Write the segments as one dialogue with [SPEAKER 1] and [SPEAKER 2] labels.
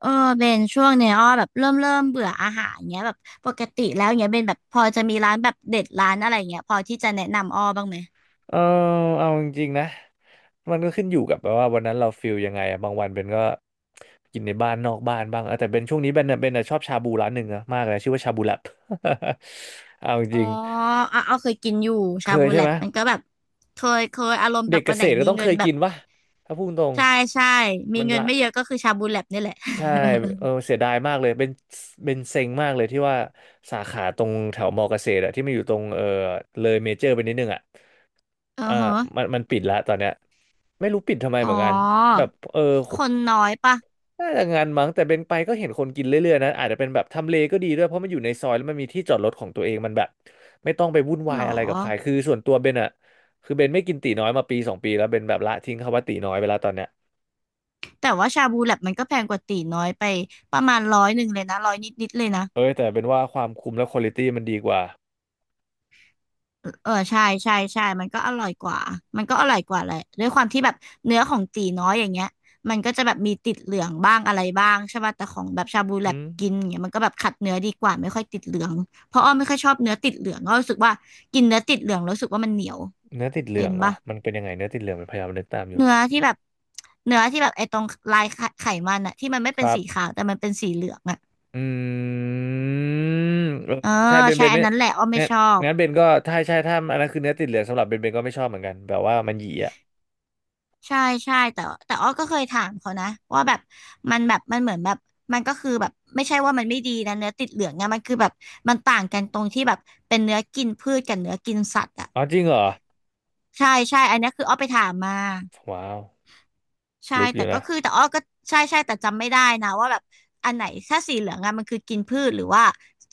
[SPEAKER 1] เออเบนช่วงเนี้ยอ้อแบบเริ่มเบื่ออาหารเงี้ยแบบปกติแล้วเงี้ยเบนแบบพอจะมีร้านแบบเด็ดร้านอะไรเงี้ยพอที่จะแนะนำอ้อบ้างไหม
[SPEAKER 2] เออเอาจริงๆนะมันก็ขึ้นอยู่กับแบบว่าวันนั้นเราฟิลยังไงอะบางวันเป็นก็กินในบ้านนอกบ้านบ้างแต่เป็นช่วงนี้เป็นชอบชาบูร้านหนึ่งนะมากเลยชื่อว่าชาบูแลบ เอาจ
[SPEAKER 1] อ๋อ
[SPEAKER 2] ริง
[SPEAKER 1] อ่ะอ้อเคยกินอยู่
[SPEAKER 2] ๆเค
[SPEAKER 1] ชา
[SPEAKER 2] ย
[SPEAKER 1] บู
[SPEAKER 2] ใช่
[SPEAKER 1] แล
[SPEAKER 2] ไหม
[SPEAKER 1] บมันก็แบบเคยเคยอารมณ์แบ
[SPEAKER 2] เด็ก
[SPEAKER 1] บ
[SPEAKER 2] เก
[SPEAKER 1] วัน
[SPEAKER 2] ษ
[SPEAKER 1] ไหน
[SPEAKER 2] ตรก็
[SPEAKER 1] มี
[SPEAKER 2] ต้อง
[SPEAKER 1] เงิ
[SPEAKER 2] เค
[SPEAKER 1] น
[SPEAKER 2] ย
[SPEAKER 1] แบ
[SPEAKER 2] กิ
[SPEAKER 1] บ
[SPEAKER 2] นวะถ้าพูดตรง
[SPEAKER 1] ใช่ใช่มี
[SPEAKER 2] มัน
[SPEAKER 1] เงิน
[SPEAKER 2] ละ
[SPEAKER 1] ไม่เยอะก็คือชาบูแลบนี่แหละ
[SPEAKER 2] ใช่เสียดายมากเลยเป็นเซ็งมากเลยที่ว่าสาขาตรงแถวมอเกษตรอะที่มันอยู่ตรงเลยเมเจอร์ไปนิดนึงอะ
[SPEAKER 1] อือ
[SPEAKER 2] อ่า
[SPEAKER 1] ฮะ
[SPEAKER 2] มันปิดละตอนเนี้ยไม่รู้ปิดทำไม
[SPEAKER 1] อ๋
[SPEAKER 2] เห
[SPEAKER 1] อ
[SPEAKER 2] มือนกันแบบ
[SPEAKER 1] คนน้อยปะ
[SPEAKER 2] น่าจะงานมั้งแต่เป็นไปก็เห็นคนกินเรื่อยๆนะ อาจจะเป็นแบบทำเลก็ดีด้วยเพราะมันอยู่ในซอยแล้วมันมีที่จอดรถของตัวเองมันแบบไม่ต้องไปวุ่นวา
[SPEAKER 1] หร
[SPEAKER 2] ย
[SPEAKER 1] อ
[SPEAKER 2] อะไรกับใครคือส่วนตัวเบนอะคือเบนไม่กินตีน้อยมาปีสองปีแล้วเบนแบบละทิ้งคำว่าตีน้อยไปแล้วตอนเนี้ย
[SPEAKER 1] แต่ว่าชาบูแลบมันก็แพงกว่าตีน้อยไปประมาณ100เลยนะร้อยนิดนิดเลยนะ
[SPEAKER 2] เอ้ยแต่เป็นว่าความคุ้มและควอลิตี้มันดีกว่า
[SPEAKER 1] เออใช่ใช่ใช่มันก็อร่อยกว่า มันก็อร่อยกว่าแหละด้วยความที่แบบเนื้อของตีน้อยอย่างเงี้ย มันก็จะแบบมีติดเหลืองบ้างอะไรบ้างใช่ป่ะแต่ของแบบชาบูแล
[SPEAKER 2] อื
[SPEAKER 1] บกิน
[SPEAKER 2] ม
[SPEAKER 1] อย่างเงี้ยมันก็แบบขัดเนื้อดีกว่าไม่ค่อยติดเหลืองเพราะอ้อไม่ค่อยชอบเนื้อติดเหลืองอ้อรู้สึกว่ากินเนื้อติดเหลืองแล้วรู้สึกว่ามันเหนียว
[SPEAKER 2] เนื้อติดเห
[SPEAKER 1] เป็
[SPEAKER 2] ลือ
[SPEAKER 1] น
[SPEAKER 2] งเหรอ
[SPEAKER 1] ป่ะ
[SPEAKER 2] มันเป็นยังไงเนื้อติดเหลืองเป็นพยายามนึกตามอยู่
[SPEAKER 1] เนื้อที่แบบเนื้อที่แบบไอ้ตรงลายไขไขมันอะที่มันไม่
[SPEAKER 2] ค
[SPEAKER 1] เป็น
[SPEAKER 2] รั
[SPEAKER 1] สี
[SPEAKER 2] บ
[SPEAKER 1] ขาวแต่มันเป็นสีเหลืองอะ
[SPEAKER 2] อืมเออ
[SPEAKER 1] เออ
[SPEAKER 2] ใช่เบน
[SPEAKER 1] ใช่
[SPEAKER 2] เบน
[SPEAKER 1] อั
[SPEAKER 2] ไม่
[SPEAKER 1] นนั้นแหละอ้อไม่
[SPEAKER 2] งั้น
[SPEAKER 1] ชอบ
[SPEAKER 2] งั้นเบนก็ถ้าใช่ถ้าอันนั้นคือเนื้อติดเหลืองสำหรับเบนก็ไม่ชอบเหมือนกันแบบว่ามันหยีอ่ะ
[SPEAKER 1] ใช่ใช่แต่แต่อ้อก็เคยถามเขานะว่าแบบมันแบบมันเหมือนแบบมันก็คือแบบไม่ใช่ว่ามันไม่ดีนะเนื้อติดเหลืองเนี่ยมันคือแบบมันต่างกันตรงที่แบบเป็นเนื้อกินพืชกับเนื้อกินสัตว์อ่ะ
[SPEAKER 2] อ๋อจริงเหรอ
[SPEAKER 1] ใช่ใช่อันเนี้ยคืออ้อไปถามมา
[SPEAKER 2] ว้าว
[SPEAKER 1] ใช่
[SPEAKER 2] ลึกอ
[SPEAKER 1] แต่
[SPEAKER 2] ยู่
[SPEAKER 1] ก็
[SPEAKER 2] นะ
[SPEAKER 1] คือแต่อ้อก็ใช่ใช่แต่จำไม่ได้นะว่าแบบอันไหนถ้าสีเหลืองอะมันคือกินพืชหรือว่า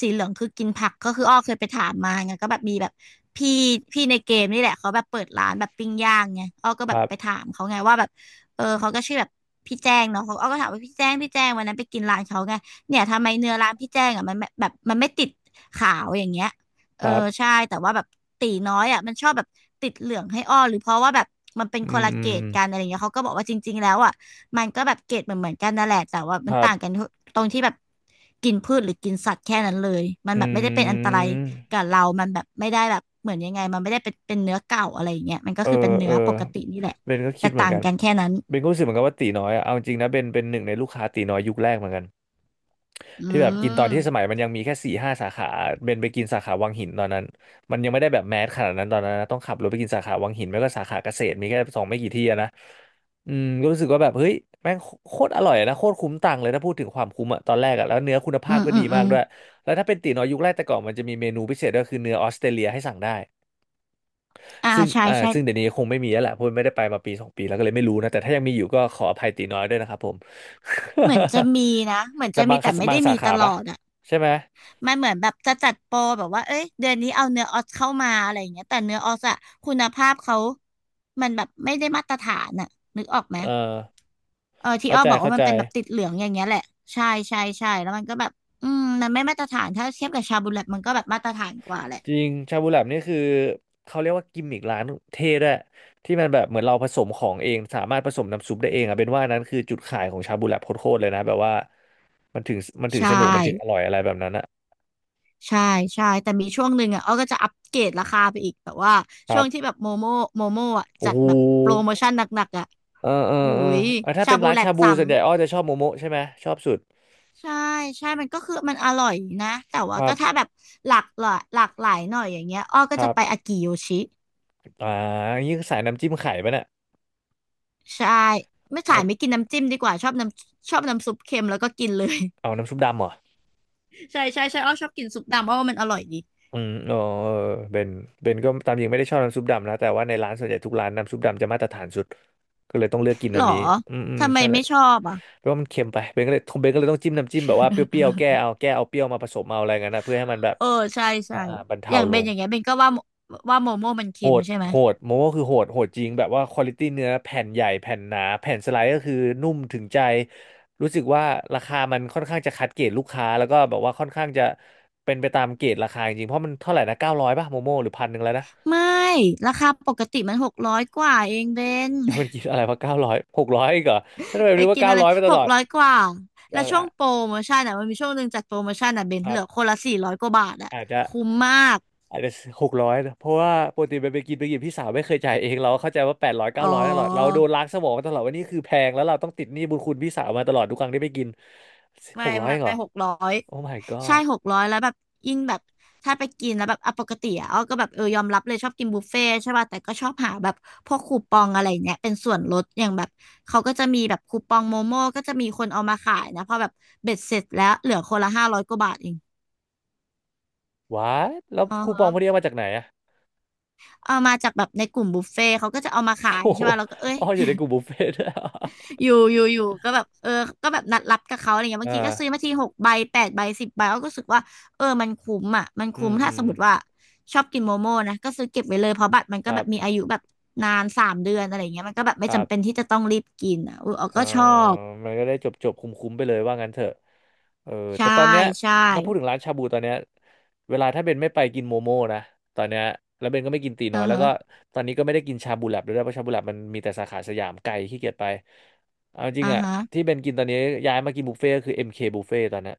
[SPEAKER 1] สีเหลืองคือกินผักก็คืออ้อเคยไปถามมาไงก็แบบมีแบบพี่พี่ในเกมนี่แหละเขาแบบเปิดร้านแบบปิ้งย่างไงอ้อก็
[SPEAKER 2] ค
[SPEAKER 1] แบบ
[SPEAKER 2] รับ
[SPEAKER 1] ไปถามเขาไงว่าแบบเออเขาก็ชื่อแบบพี่แจ้งเนาะเขาอ้อก็ถามว่าพี่แจ้งพี่แจ้งวันนั้นไปกินร้านเขาไงเนี่ยทำไมเนื้อร้านพี่แจ้งอะมันแบบมันไม่ติดขาวอย่างเงี้ย เอ
[SPEAKER 2] ค
[SPEAKER 1] อ
[SPEAKER 2] รับ
[SPEAKER 1] ใช่แต่ว่าแบบตีน้อยอ่ะมันชอบแบบติดเหลืองให้อ้อหรือเพราะว่าแบบมันเป็นค
[SPEAKER 2] อื
[SPEAKER 1] น
[SPEAKER 2] ม
[SPEAKER 1] ละ
[SPEAKER 2] อื
[SPEAKER 1] เกร
[SPEAKER 2] ม
[SPEAKER 1] ดกันอะไรเงี้ยเขาก็บอกว่าจริงๆแล้วอ่ะมันก็แบบเกรดเหมือนเหมือนกันนั่นแหละแต่ว่า
[SPEAKER 2] ค
[SPEAKER 1] มัน
[SPEAKER 2] รั
[SPEAKER 1] ต่างกัน
[SPEAKER 2] บ
[SPEAKER 1] ตรงที่แบบกินพืชหรือกินสัตว์แค่นั้นเลยมันแบบไม่ได้
[SPEAKER 2] อื
[SPEAKER 1] เป็นอันตรายกับ
[SPEAKER 2] ม
[SPEAKER 1] เรามันแบบไม่ได้แบบเหมือนยังไงมันไม่ได้เป็นเป็นเนื้อเก่าอะไรเงี้ยมันก็
[SPEAKER 2] เออ
[SPEAKER 1] คือเป็น
[SPEAKER 2] เอ
[SPEAKER 1] เนื้
[SPEAKER 2] อ
[SPEAKER 1] อปกตินี่แหละ
[SPEAKER 2] เบนก็คิ
[SPEAKER 1] แต่
[SPEAKER 2] ดเหมือน
[SPEAKER 1] ต่าง
[SPEAKER 2] กัน
[SPEAKER 1] กันแค่นั้น
[SPEAKER 2] เบนก็รู้สึกเหมือนกันว่าตีน้อยอะเอาจริงนะเบนเป็นหนึ่งในลูกค้าตีน้อยยุคแรกเหมือนกัน
[SPEAKER 1] อื
[SPEAKER 2] ที่แบบกินตอนที่สมั
[SPEAKER 1] ม
[SPEAKER 2] ยมันยังมีแค่4-5 สาขาเบนไปกินสาขาวังหินตอนนั้นมันยังไม่ได้แบบแมสขนาดนั้นตอนนั้นนะต้องขับรถไปกินสาขาวังหินไม่ก็สาขาเกษตรมีแค่สองไม่กี่ที่อะนะอืมก็รู้สึกว่าแบบเฮ้ยแม่งโคตรอร่อยนะโคตรคุ้มตังค์เลยถ้าพูดถึงความคุ้มอะตอนแรกอะแล้วเนื้อคุณ
[SPEAKER 1] อื
[SPEAKER 2] ภาพ
[SPEAKER 1] ม
[SPEAKER 2] ก็
[SPEAKER 1] อื
[SPEAKER 2] ดี
[SPEAKER 1] มอื
[SPEAKER 2] มาก
[SPEAKER 1] ม
[SPEAKER 2] ด้วยแล้วถ้าเป็นตี๋น้อยยุคแรกแต่ก่อนมันจะมีเมนูพิเศษก็คือเนื้อออสเตรเลียให้สั่งได้
[SPEAKER 1] อ่า
[SPEAKER 2] ซึ่ง
[SPEAKER 1] ใช่
[SPEAKER 2] อ่า
[SPEAKER 1] ใช่
[SPEAKER 2] ซึ่งเดี๋ยวนี้คงไม่มีแล้วแหละเพราะไม่ได้ไปมาปีสองปีแล้วก็เลยไม่รู้นะแต่ถ้ายังมีอยู่ก็ขออภัยตีน้อยด้วยนะครับผม
[SPEAKER 1] เหมือนจะมีนะเหมือน
[SPEAKER 2] แต่
[SPEAKER 1] จะ
[SPEAKER 2] บา
[SPEAKER 1] มี
[SPEAKER 2] งคั
[SPEAKER 1] แต่
[SPEAKER 2] ส
[SPEAKER 1] ไม่
[SPEAKER 2] บาง
[SPEAKER 1] ได้
[SPEAKER 2] สา
[SPEAKER 1] มีต
[SPEAKER 2] ขา
[SPEAKER 1] ล
[SPEAKER 2] ปะ
[SPEAKER 1] อดอะ
[SPEAKER 2] ใช่ไหม
[SPEAKER 1] มันเหมือนแบบจะจัดโปรแบบว่าเอ้ยเดือนนี้เอาเนื้อออสเข้ามาอะไรอย่างเงี้ยแต่เนื้อออสอะคุณภาพเขามันแบบไม่ได้มาตรฐานอะนึกออกไหม
[SPEAKER 2] เออ
[SPEAKER 1] เออที่
[SPEAKER 2] เข้า
[SPEAKER 1] อ้อ
[SPEAKER 2] ใจ
[SPEAKER 1] บอก
[SPEAKER 2] เข้า
[SPEAKER 1] ว่ามั
[SPEAKER 2] ใจ
[SPEAKER 1] นเป็นแบบติดเหลืองอย่างเงี้ยแหละใช่ใช่ใช่แล้วมันก็แบบอืมมันไม่มาตรฐานถ้าเทียบกับชาบูแลตมันก็แบบมาตรฐานกว่าแหละ
[SPEAKER 2] จริงชาบูแลบนี่คือเขาเรียกว่ากิมมิกร้านเท่ด้วยที่มันแบบเหมือนเราผสมของเองสามารถผสมน้ำซุปได้เองอ่ะเป็นว่านั้นคือจุดขายของชาบูแลบโคตรๆเลยนะแบบว่ามันถึงมันถึ
[SPEAKER 1] ใช
[SPEAKER 2] งสนุกมันถึงอ
[SPEAKER 1] ่
[SPEAKER 2] ร่อยอะไรแบบนั้นนะ
[SPEAKER 1] ใช่ใช่แต่มีช่วงหนึ่งอ่ะอ้อก็จะอัปเกรดราคาไปอีกแบบว่า
[SPEAKER 2] ค
[SPEAKER 1] ช่
[SPEAKER 2] รั
[SPEAKER 1] วงที่
[SPEAKER 2] บ
[SPEAKER 1] แบบโมโมโมโมอ่ะ
[SPEAKER 2] โอ้
[SPEAKER 1] จัด
[SPEAKER 2] โห
[SPEAKER 1] แบบโปรโมชั่นหนักๆอ่ะ
[SPEAKER 2] เออเออ
[SPEAKER 1] อุ้
[SPEAKER 2] เออ
[SPEAKER 1] ย
[SPEAKER 2] เออถ้า
[SPEAKER 1] ชา
[SPEAKER 2] เป็น
[SPEAKER 1] บู
[SPEAKER 2] ร้าน
[SPEAKER 1] แลต
[SPEAKER 2] ชาบู
[SPEAKER 1] สาม
[SPEAKER 2] ส่วนใหญ่อ้อจะชอบโมโมะใช่ไหมชอบสุด
[SPEAKER 1] ใช่ใช่มันก็คือมันอร่อยนะแต่
[SPEAKER 2] ค
[SPEAKER 1] ว่า
[SPEAKER 2] รั
[SPEAKER 1] ก็ถ้า
[SPEAKER 2] บ
[SPEAKER 1] แบบหลากหลายหลากหลายหน่อยอย่างเงี้ยอ้อ
[SPEAKER 2] ค
[SPEAKER 1] ก็
[SPEAKER 2] รั
[SPEAKER 1] จะไป
[SPEAKER 2] บ
[SPEAKER 1] อากิโยชิ
[SPEAKER 2] อ่ายิ่งใสายน้ำจิ้มไข่ปะเนี่ย
[SPEAKER 1] ใช่ไม่ขา
[SPEAKER 2] เอา
[SPEAKER 1] ยไม่กินน้ำจิ้มดีกว่าชอบน้ำชอบน้ำซุปเค็มแล้วก็กินเลย
[SPEAKER 2] เอาน้ำซุปดำเหรอ
[SPEAKER 1] ใช่ใช่ใช่อ้อชอบกินซุปดำเพราะว่ามันอร่อยดี
[SPEAKER 2] อืมเออเออเบนเบนก็ตามจริงไม่ได้ชอบน้ำซุปดำนะแต่ว่าในร้านส่วนใหญ่ทุกร้านน้ำซุปดำจะมาตรฐานสุดก็เลยต้องเลือกกิน
[SPEAKER 1] ห
[SPEAKER 2] อั
[SPEAKER 1] ร
[SPEAKER 2] น
[SPEAKER 1] อ
[SPEAKER 2] นี้อืมอืม
[SPEAKER 1] ทำไม
[SPEAKER 2] ใช่เล
[SPEAKER 1] ไม่
[SPEAKER 2] ย
[SPEAKER 1] ชอบอ่ะ
[SPEAKER 2] เพราะว่ามันเค็มไปเบนก็เลยต้องจิ้มน้ำจิ้มแบบว่าเปรี้ยวๆแก้ เอาแก้เอาเปรี้ยวมาผสมเอาอะไรเงี้ยนนะเพื่อให้มันแบบ
[SPEAKER 1] เออใช่ใช่
[SPEAKER 2] บรร
[SPEAKER 1] อ
[SPEAKER 2] เทา
[SPEAKER 1] ย่าง
[SPEAKER 2] ล
[SPEAKER 1] เบน
[SPEAKER 2] ง
[SPEAKER 1] อย่างเงี้ยเบนก็ว่าว่าโมโม่มัน
[SPEAKER 2] โห
[SPEAKER 1] เค็ม
[SPEAKER 2] ด
[SPEAKER 1] ใช่ไหม
[SPEAKER 2] โหดโมโมคือโหดจริงแบบว่าควอลิตี้เนื้อแผ่นใหญ่แผ่นหนาแผ่นสไลด์ก็คือนุ่มถึงใจรู้สึกว่าราคามันค่อนข้างจะคัดเกรดลูกค้าแล้วก็แบบว่าค่อนข้างจะเป็นไปตามเกรดราคาจริงเพราะมันเท่าไหร่นะเก้าร้อยป่ะโมโมหรือ1,100แล้วนะ
[SPEAKER 1] ไม่ราคาปกติมัน600 กว่าเองเบน
[SPEAKER 2] ยังเป็นกินอะไรวะเก้าร้อยหกร้อยอีกเหรอถ้า ทำไม
[SPEAKER 1] ไป
[SPEAKER 2] รู้ว่า
[SPEAKER 1] กิน
[SPEAKER 2] เก้า
[SPEAKER 1] อะไร
[SPEAKER 2] ร้อยไปต
[SPEAKER 1] ห
[SPEAKER 2] ล
[SPEAKER 1] ก
[SPEAKER 2] อด
[SPEAKER 1] ร้อยกว่า
[SPEAKER 2] เอ
[SPEAKER 1] แล้ว
[SPEAKER 2] อ
[SPEAKER 1] ช่วง
[SPEAKER 2] อ่ะ
[SPEAKER 1] โปรโมชั่นอ่ะมันมีช่วงหนึ่งจัดโปรโมชั่นอ่ะเบน
[SPEAKER 2] ครั
[SPEAKER 1] เหลื
[SPEAKER 2] บ
[SPEAKER 1] อคนละ400 กว่าบาทอ่ะ
[SPEAKER 2] อาจจะ
[SPEAKER 1] คุ้มมาก
[SPEAKER 2] อาจจะ600เพราะว่าปกติไปไปกินพี่สาวไม่เคยจ่ายเองเราก็เข้าใจว่าแปดร้อย
[SPEAKER 1] อ๋
[SPEAKER 2] เก้าร้อยตลอดเราโด
[SPEAKER 1] อ
[SPEAKER 2] นล้างสมองมาตลอดว่านี่คือแพงแล้วเราต้องติดหนี้บุญคุณพี่สาวมาตลอดทุกครั้งที่ไปกิน
[SPEAKER 1] ไม่
[SPEAKER 2] หกร้อย
[SPEAKER 1] ไม่
[SPEAKER 2] เองเหรอ
[SPEAKER 1] หกร้อย
[SPEAKER 2] โอ้ my
[SPEAKER 1] ใช่
[SPEAKER 2] god
[SPEAKER 1] หกร้อยแล้วแบบยิ่งแบบถ้าไปกินแล้วแบบอ่ะปกติอ่ะอ้อก็แบบเออยอมรับเลยชอบกินบุฟเฟ่ต์ใช่ป่ะแต่ก็ชอบหาแบบพวกคูปองอะไรเนี้ยเป็นส่วนลดอย่างแบบเขาก็จะมีแบบคูปองโมโม่ก็จะมีคนเอามาขายนะพอแบบเบ็ดเสร็จแล้วเหลือคนละ500 กว่าบาทเอง
[SPEAKER 2] ว้าแล้ว
[SPEAKER 1] อ๋อ
[SPEAKER 2] คูปองพวกนี้เอามาจากไหนอะ
[SPEAKER 1] เอามาจากแบบในกลุ่มบุฟเฟ่ต์เขาก็จะเอามาขา ย
[SPEAKER 2] โอ้
[SPEAKER 1] ใช่
[SPEAKER 2] โห
[SPEAKER 1] ป่ะเราก็เอ้ย
[SPEAKER 2] อ๋ออยู่ในกลุ่มบุฟเฟ่ต์ ด้วย
[SPEAKER 1] อยู่ก็แบบก็แบบนัดรับกับเขาอะไรเงี้ย
[SPEAKER 2] อ่
[SPEAKER 1] บางทีก็ซื้อมา
[SPEAKER 2] า
[SPEAKER 1] ทีหกใบแปดใบสิบใบเราก็รู้สึกว่าเออมันคุ้มอ่ะมัน
[SPEAKER 2] อื
[SPEAKER 1] คุ้ม
[SPEAKER 2] มอื
[SPEAKER 1] ถ้าส
[SPEAKER 2] ม
[SPEAKER 1] มมติว่าชอบกินโมโม่นะก็ซื้อเก็บไว้เลยเพราะบัตรมัน
[SPEAKER 2] ค
[SPEAKER 1] ก็
[SPEAKER 2] รั
[SPEAKER 1] แบบมีอา
[SPEAKER 2] บ
[SPEAKER 1] ยุแบบนานสามเดือนอะไรเงี้ยมันก็แบบไม่
[SPEAKER 2] ครับ
[SPEAKER 1] จำเป็นที่จะต้องรีบกินอ่ะเออเรา
[SPEAKER 2] เออ
[SPEAKER 1] ก็ชอบ
[SPEAKER 2] มันก็ได้จบจบคุ้มคุ้มๆไปเลยว่างั้นเถอะเออ
[SPEAKER 1] ใช่
[SPEAKER 2] แต่ตอนเนี้ย
[SPEAKER 1] ใช่
[SPEAKER 2] ถ้าพูดถึงร้านชาบูตอนเนี้ยเวลาถ้าเบนไม่ไปกินโมโม่นะ ตอนเนี้ยแล้วเบนก็ไม่กินตี
[SPEAKER 1] อื
[SPEAKER 2] น้อย
[SPEAKER 1] อ
[SPEAKER 2] แล้ว
[SPEAKER 1] ฮะ
[SPEAKER 2] ก็ตอนนี้ก็ไม่ได้กินชาบูแลบด้วยนะเพราะชาบูแลบมันมีแต่สาขาสยามไกลขี้เกียจไปเอาจริง
[SPEAKER 1] อ่า
[SPEAKER 2] อะ
[SPEAKER 1] ฮะ
[SPEAKER 2] ที่เบนกินตอนนี้ย้ายมากินบุฟเฟ่ต์ก็คือ MK บุฟเฟ่ตตอนเนี้ย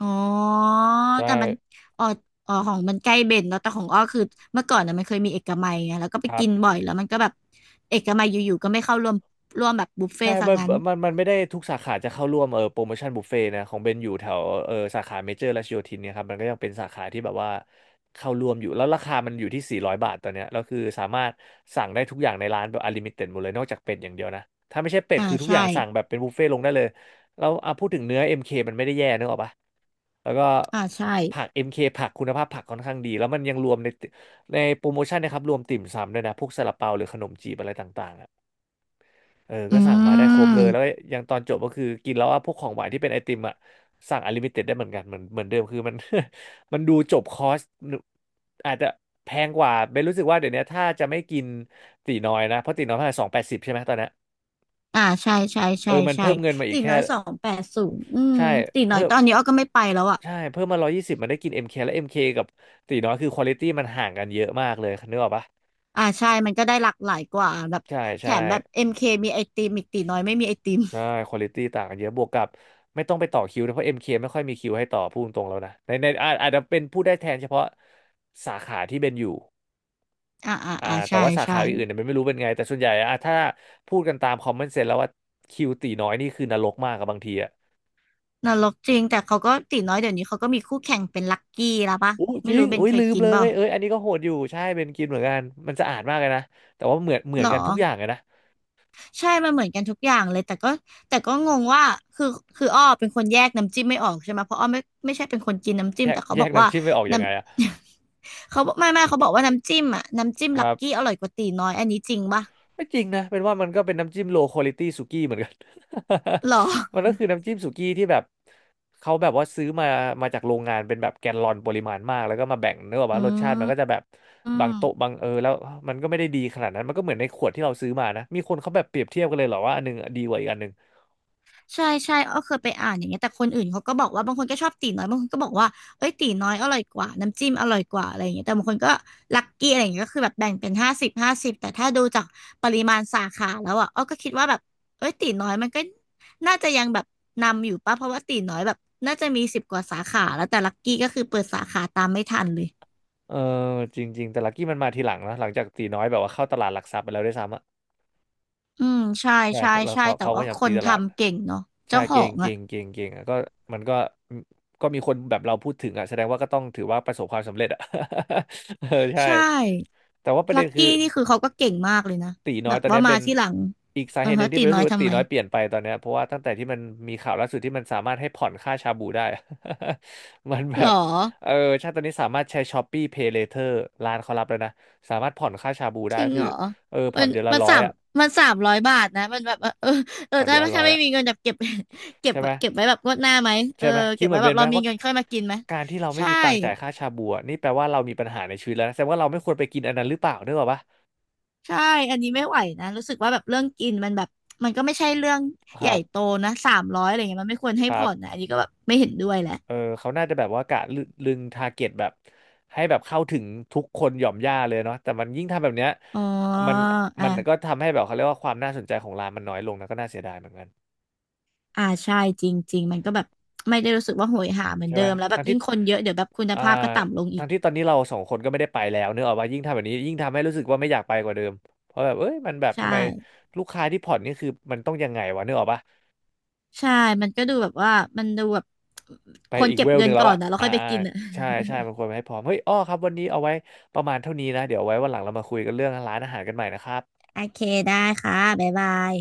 [SPEAKER 1] อ๋อ
[SPEAKER 2] ใช่
[SPEAKER 1] แต่มันอ๋ออ๋อของมันใกล้เบนเนาะแต่ของอ้อคือเมื่อก่อนน่ะมันเคยมีเอกมัยไงแล้วก็ไป
[SPEAKER 2] ครั
[SPEAKER 1] กินบ่
[SPEAKER 2] บ
[SPEAKER 1] อยแล้วมันก็แบบเอกมัยอยู่ๆก็ไม่เข้าร่วมแบบบุฟเฟ่
[SPEAKER 2] ใช่
[SPEAKER 1] ต์ซะ
[SPEAKER 2] มัน
[SPEAKER 1] งั้น
[SPEAKER 2] มันมันไม่ได้ทุกสาขาจะเข้าร่วมโปรโมชั่นบุฟเฟ่นะของเบนอยู่แถวสาขาเมเจอร์รัชโยธินเนี่ยครับมันก็ยังเป็นสาขาที่แบบว่าเข้าร่วมอยู่แล้วราคามันอยู่ที่400บาทตอนเนี้ยแล้วคือสามารถสั่งได้ทุกอย่างในร้านแบบอลิมิเต็ดหมดเลยนอกจากเป็ดอย่างเดียวนะถ้าไม่ใช่เป็ด
[SPEAKER 1] อ่า
[SPEAKER 2] คือทุกอย่าง
[SPEAKER 1] ใช่
[SPEAKER 2] สั่งแบบเป็นบุฟเฟ่ตลงได้เลยแล้วอ่ะพูดถึงเนื้อเอ็มเคมันไม่ได้แย่นึกออกปะแล้วก็
[SPEAKER 1] อ่าใช่
[SPEAKER 2] ผักเอ็มเคผักคุณภาพผักค่อนข้างดีแล้วมันยังรวมในโปรโมชั่นนะครับรวมติ่มซำด้วยนะพวกซาลาเปาหรือขนมจีบอะไรต่างๆอะ
[SPEAKER 1] อื
[SPEAKER 2] ก็สั่งมาได้ครบเลย
[SPEAKER 1] ม
[SPEAKER 2] แล้วก็ยังตอนจบก็คือกินแล้วว่าพวกของหวานที่เป็นไอติมอ่ะสั่งอ n l ลิมิเต็ดได้เหมือนกันเหมือนเดิม คือมัน มันดูจบคอร์สอาจจะแพงกว่าเบนรู้สึกว่าเดี๋ยวนี้ถ้าจะไม่กินตีน้อยนะ เพราะตีน้อยเท่าไหร่280ใช่ไหมตอนเนี้ย
[SPEAKER 1] อ่าใช่ใช่ใช่
[SPEAKER 2] มัน
[SPEAKER 1] ใช่
[SPEAKER 2] เพิ่มเงินมาอี
[SPEAKER 1] ตี
[SPEAKER 2] ก
[SPEAKER 1] น้
[SPEAKER 2] แค่
[SPEAKER 1] อยสองแปดศูนย์อืม
[SPEAKER 2] ใช่
[SPEAKER 1] ตีน้อย
[SPEAKER 2] เพิ่ม
[SPEAKER 1] ตอนนี้อ้อก็ไม่ไปแล้วอ่ะ
[SPEAKER 2] มา120มันได้กินเอ็มเคและเอ็มเคกับตีน้อยคือควอลิตี้มันห่างกันเยอะมากเลยนึกออกปะ
[SPEAKER 1] อ่าใช่มันก็ได้หลากหลายกว่าแบบ
[SPEAKER 2] ใช่
[SPEAKER 1] แถ
[SPEAKER 2] ใช่
[SPEAKER 1] มแบบเอ็มเคมีไอติมอีกตีน้อยไม่มีไอติม
[SPEAKER 2] ใช่คุณภาพต่างกันเยอะบวกกับไม่ต้องไปต่อคิวนะเพราะ MK ไม่ค่อยมีคิวให้ต่อพูดตรงๆแล้วนะในอาจจะเป็นพูดได้แทนเฉพาะสาขาที่เป็นอยู่
[SPEAKER 1] อ่าอ่า
[SPEAKER 2] อ่า
[SPEAKER 1] อ่า
[SPEAKER 2] แต่
[SPEAKER 1] ใช่
[SPEAKER 2] ว่าสา
[SPEAKER 1] ใช่
[SPEAKER 2] ขาอื่นๆเนี่ยมันไม่รู้เป็นไงแต่ส่วนใหญ่อ่ะถ้าพูดกันตามคอมเมนต์เซนแล้วว่าคิวตีน้อยนี่คือนรกมากกับบางทีอ่ะ
[SPEAKER 1] นรกจริงแต่เขาก็ตีน้อยเดี๋ยวนี้เขาก็มีคู่แข่งเป็นลักกี้แล้วปะ
[SPEAKER 2] อู้จ
[SPEAKER 1] ไม่
[SPEAKER 2] ริง
[SPEAKER 1] รู้เบน
[SPEAKER 2] อุ้ย
[SPEAKER 1] เค
[SPEAKER 2] ลื
[SPEAKER 1] ย
[SPEAKER 2] ม
[SPEAKER 1] กิน
[SPEAKER 2] เล
[SPEAKER 1] เปล่า
[SPEAKER 2] ยเอ้ยอันนี้ก็โหดอยู่ใช่เป็นกินเหมือนกันมันสะอาดมากเลยนะแต่ว่าเหมือนเหมื
[SPEAKER 1] ห
[SPEAKER 2] อ
[SPEAKER 1] ร
[SPEAKER 2] น
[SPEAKER 1] อ
[SPEAKER 2] กันทุกอย่างเลยนะ
[SPEAKER 1] ใช่มันเหมือนกันทุกอย่างเลยแต่ก็แต่ก็งงว่าคือคืออ้อเป็นคนแยกน้ำจิ้มไม่ออกใช่ไหมเพราะอ้อไม่ไม่ใช่เป็นคนกินน้ำจิ้
[SPEAKER 2] แย
[SPEAKER 1] ม
[SPEAKER 2] ก
[SPEAKER 1] แต่เขา
[SPEAKER 2] แย
[SPEAKER 1] บอ
[SPEAKER 2] ก
[SPEAKER 1] กว่า
[SPEAKER 2] น้ำจิ้มไม่ออกยัง
[SPEAKER 1] น้ำ
[SPEAKER 2] ไงอ่ะ
[SPEAKER 1] เขาบอกไม่ไม่เขาบอกว่าน้ำจิ้มอ่ะน้ำจิ้ม
[SPEAKER 2] ค
[SPEAKER 1] ลั
[SPEAKER 2] รั
[SPEAKER 1] ก
[SPEAKER 2] บ
[SPEAKER 1] กี้อร่อยกว่าตีน้อยอันนี้จริงปะ
[SPEAKER 2] ไม่จริงนะเป็นว่ามันก็เป็นน้ำจิ้มโลค u a l i t y สุกี้เหมือนกัน
[SPEAKER 1] หรอ
[SPEAKER 2] มันก็คือน้ำจิ้มสุกี้ที่แบบเขาแบบว่าซื้อมามาจากโรงงานเป็นแบบแกลลอนปริมาณมากแล้วก็มาแบ่งเนื้อออก
[SPEAKER 1] อื
[SPEAKER 2] มารสชาติ
[SPEAKER 1] ม
[SPEAKER 2] มันก็จะแบบ
[SPEAKER 1] อื
[SPEAKER 2] บา
[SPEAKER 1] ม
[SPEAKER 2] งโต๊ะบางแล้วมันก็ไม่ได้ดีขนาดนั้นมันก็เหมือนในขวดที่เราซื้อมานะมีคนเขาแบบเปรียบเทียบกันเลยเหรอว่าอันหนึงดีกว่าอีกอันหนึง
[SPEAKER 1] ใช่ใช่อ้อเคยไปอ่านอย่างเงี้ยแต่คนอื่นเขาก็บอกว่าบางคนก็ชอบตีน้อยบางคนก็บอกว่าเอ้ยตีน้อยอร่อยกว่าน้ำจิ้มอร่อยกว่าอะไรอย่างเงี้ยแต่บางคนก็ลัคกี้อะไรอย่างเงี้ยก็คือแบบแบ่งเป็นห้าสิบห้าสิบแต่ถ้าดูจากปริมาณสาขาแล้วอ่ะอ้อก็คิดว่าแบบเอ้ยตีน้อยมันก็น่าจะยังแบบนำอยู่ป่ะเพราะว่าตีน้อยแบบน่าจะมีสิบกว่าสาขาแล้วแต่ลัคกี้ก็คือเปิดสาขาตามไม่ทันเลย
[SPEAKER 2] เออจริงๆแต่ลักกี้มันมาทีหลังนะหลังจากตีน้อยแบบว่าเข้าตลาดหลักทรัพย์ไปแล้วด้วยซ้ำอะ
[SPEAKER 1] อืมใช่
[SPEAKER 2] ใช่
[SPEAKER 1] ใช่
[SPEAKER 2] แล้ว
[SPEAKER 1] ใช่
[SPEAKER 2] เขา
[SPEAKER 1] แต่
[SPEAKER 2] เขาก็พ
[SPEAKER 1] ว่า
[SPEAKER 2] ยายา
[SPEAKER 1] ค
[SPEAKER 2] มตี
[SPEAKER 1] น
[SPEAKER 2] ตลาด
[SPEAKER 1] ทำเก่งเนาะ
[SPEAKER 2] ใช่
[SPEAKER 1] เจ้าของอ่ะ
[SPEAKER 2] เก่งอ่ะก็มันก็ก็มีคนแบบเราพูดถึงอ่ะแสดงว่าก็ต้องถือว่าประสบความสำเร็จอ่ะ เออใช่
[SPEAKER 1] ใช่
[SPEAKER 2] แต่ว่าประ
[SPEAKER 1] ลั
[SPEAKER 2] เด็น
[SPEAKER 1] ก
[SPEAKER 2] คือ
[SPEAKER 1] กี้นี่คือเขาก็เก่งมากเลยนะ
[SPEAKER 2] ตีน้อ
[SPEAKER 1] แบ
[SPEAKER 2] ย
[SPEAKER 1] บ
[SPEAKER 2] ตอน
[SPEAKER 1] ว่า
[SPEAKER 2] เนี้ย
[SPEAKER 1] มา
[SPEAKER 2] เป็น
[SPEAKER 1] ที่หลัง
[SPEAKER 2] อีกสา
[SPEAKER 1] เออ
[SPEAKER 2] เหตุหนึ่
[SPEAKER 1] ฮะ
[SPEAKER 2] งที่
[SPEAKER 1] ตี
[SPEAKER 2] เป็นรู้
[SPEAKER 1] น้อ
[SPEAKER 2] สึ
[SPEAKER 1] ย
[SPEAKER 2] กว่า
[SPEAKER 1] ทำ
[SPEAKER 2] ตี
[SPEAKER 1] ไม
[SPEAKER 2] น้อยเปลี่ยนไปตอนเนี้ยเพราะว่าตั้งแต่ที่มันมีข่าวล่าสุดที่มันสามารถให้ผ่อนค่าชาบูได้ มันแบ
[SPEAKER 1] หรอ
[SPEAKER 2] บเออใช่ตอนนี้สามารถใช้ Shopee Pay Later ร้านเขารับแล้วนะสามารถผ่อนค่าชาบู
[SPEAKER 1] จ
[SPEAKER 2] ได้
[SPEAKER 1] ริ
[SPEAKER 2] ก็
[SPEAKER 1] ง
[SPEAKER 2] คื
[SPEAKER 1] เห
[SPEAKER 2] อ
[SPEAKER 1] รอ
[SPEAKER 2] เออ
[SPEAKER 1] มั
[SPEAKER 2] ผ่อน
[SPEAKER 1] น
[SPEAKER 2] เดือนละ
[SPEAKER 1] มัน
[SPEAKER 2] ร้อ
[SPEAKER 1] สา
[SPEAKER 2] ย
[SPEAKER 1] ม
[SPEAKER 2] อ่ะ
[SPEAKER 1] มันสามร้อยบาทนะมันแบบว่าเออเออ
[SPEAKER 2] ผ่อนเดื
[SPEAKER 1] ถ้า
[SPEAKER 2] อนละร้
[SPEAKER 1] ถ้า
[SPEAKER 2] อย
[SPEAKER 1] ไม่
[SPEAKER 2] อ่ะ
[SPEAKER 1] มีเงินแบบเก็บ เก็บ
[SPEAKER 2] ใช่ไหม
[SPEAKER 1] เก็บไว้แบบงวดหน้าไหมเอ
[SPEAKER 2] ใช่
[SPEAKER 1] อ
[SPEAKER 2] ไหมคิ
[SPEAKER 1] เก็
[SPEAKER 2] ด
[SPEAKER 1] บ
[SPEAKER 2] เหมื
[SPEAKER 1] ไว้
[SPEAKER 2] อนเบ
[SPEAKER 1] แบบ
[SPEAKER 2] นไหม
[SPEAKER 1] เรามี
[SPEAKER 2] ว่า
[SPEAKER 1] เงินค่อยมากินไหม
[SPEAKER 2] การที่เราไม่
[SPEAKER 1] ใช่
[SPEAKER 2] มีตังค์จ่ายค่าชาบูอะนี่แปลว่าเรามีปัญหาในชีวิตแล้วนะแสดงว่าเราไม่ควรไปกินอันนั้นหรือเปล่าด้วยหรอปะ
[SPEAKER 1] ใช่อันนี้ไม่ไหวนะรู้สึกว่าแบบเรื่องกินมันแบบมันก็ไม่ใช่เรื่อง
[SPEAKER 2] ค
[SPEAKER 1] ใหญ่
[SPEAKER 2] รับ
[SPEAKER 1] โตนะสามร้อยอะไรเงี้ยมันไม่ควรให้
[SPEAKER 2] ครั
[SPEAKER 1] ผ่อนนะ
[SPEAKER 2] บ
[SPEAKER 1] อันนี้ก็แบบไม่เห็นด้วยแห
[SPEAKER 2] เอ
[SPEAKER 1] ละ
[SPEAKER 2] อเขาน่าจะแบบว่ากะลึลึงทาร์เก็ตแบบให้แบบเข้าถึงทุกคนหย่อมย่าเลยเนาะแต่มันยิ่งทำแบบเนี้ย
[SPEAKER 1] อ๋อ
[SPEAKER 2] มันมันก็
[SPEAKER 1] อ่า
[SPEAKER 2] ทำให้แบบเขาเรียกว่าความน่าสนใจของร้านมันน้อยลงนะก็น่าเสียดายเหมือนกัน
[SPEAKER 1] อ่าใช่จริงๆมันก็แบบไม่ได้รู้สึกว่าโหยหาเหมือน
[SPEAKER 2] ใช่
[SPEAKER 1] เดิ
[SPEAKER 2] ไหม
[SPEAKER 1] มแล้วแบ
[SPEAKER 2] ทั้
[SPEAKER 1] บ
[SPEAKER 2] งที่
[SPEAKER 1] ยิ่งคนเยอะเดี๋ยวแบบคุณ
[SPEAKER 2] อ่า
[SPEAKER 1] ภาพก็ต่ำลงอี
[SPEAKER 2] ทั้
[SPEAKER 1] ก
[SPEAKER 2] งที่ตอนนี้เราสองคนก็ไม่ได้ไปแล้วเนกอะว่ายิ่งทำแบบนี้ยิ่งทำให้รู้สึกว่าไม่อยากไปกว่าเดิมเพราะแบบเอ้ยมันแบบ
[SPEAKER 1] ใช่
[SPEAKER 2] ทำไมลูกค้าที่ผ่อนนี่คือมันต้องยังไงวะเนกออกปะ
[SPEAKER 1] ใช่มันก็ดูแบบว่ามันดูแบบ
[SPEAKER 2] ไป
[SPEAKER 1] ควร
[SPEAKER 2] อีก
[SPEAKER 1] เก็
[SPEAKER 2] เว
[SPEAKER 1] บ
[SPEAKER 2] ลห
[SPEAKER 1] เงิ
[SPEAKER 2] นึ่
[SPEAKER 1] น
[SPEAKER 2] งแล้ว
[SPEAKER 1] ก่อน
[SPEAKER 2] อะ
[SPEAKER 1] นะแล้ว
[SPEAKER 2] อ่า
[SPEAKER 1] ค่อยไป
[SPEAKER 2] อ่า
[SPEAKER 1] กินอ่ะ
[SPEAKER 2] ใช่ใช่มันควรไปให้พร้อมเฮ้ยอ้อครับวันนี้เอาไว้ประมาณเท่านี้นะเดี๋ยวไว้วันหลังเรามาคุยกันเรื่องร้านอาหารกันใหม่นะครับ
[SPEAKER 1] โอเคได้ค่ะบ๊ายบาย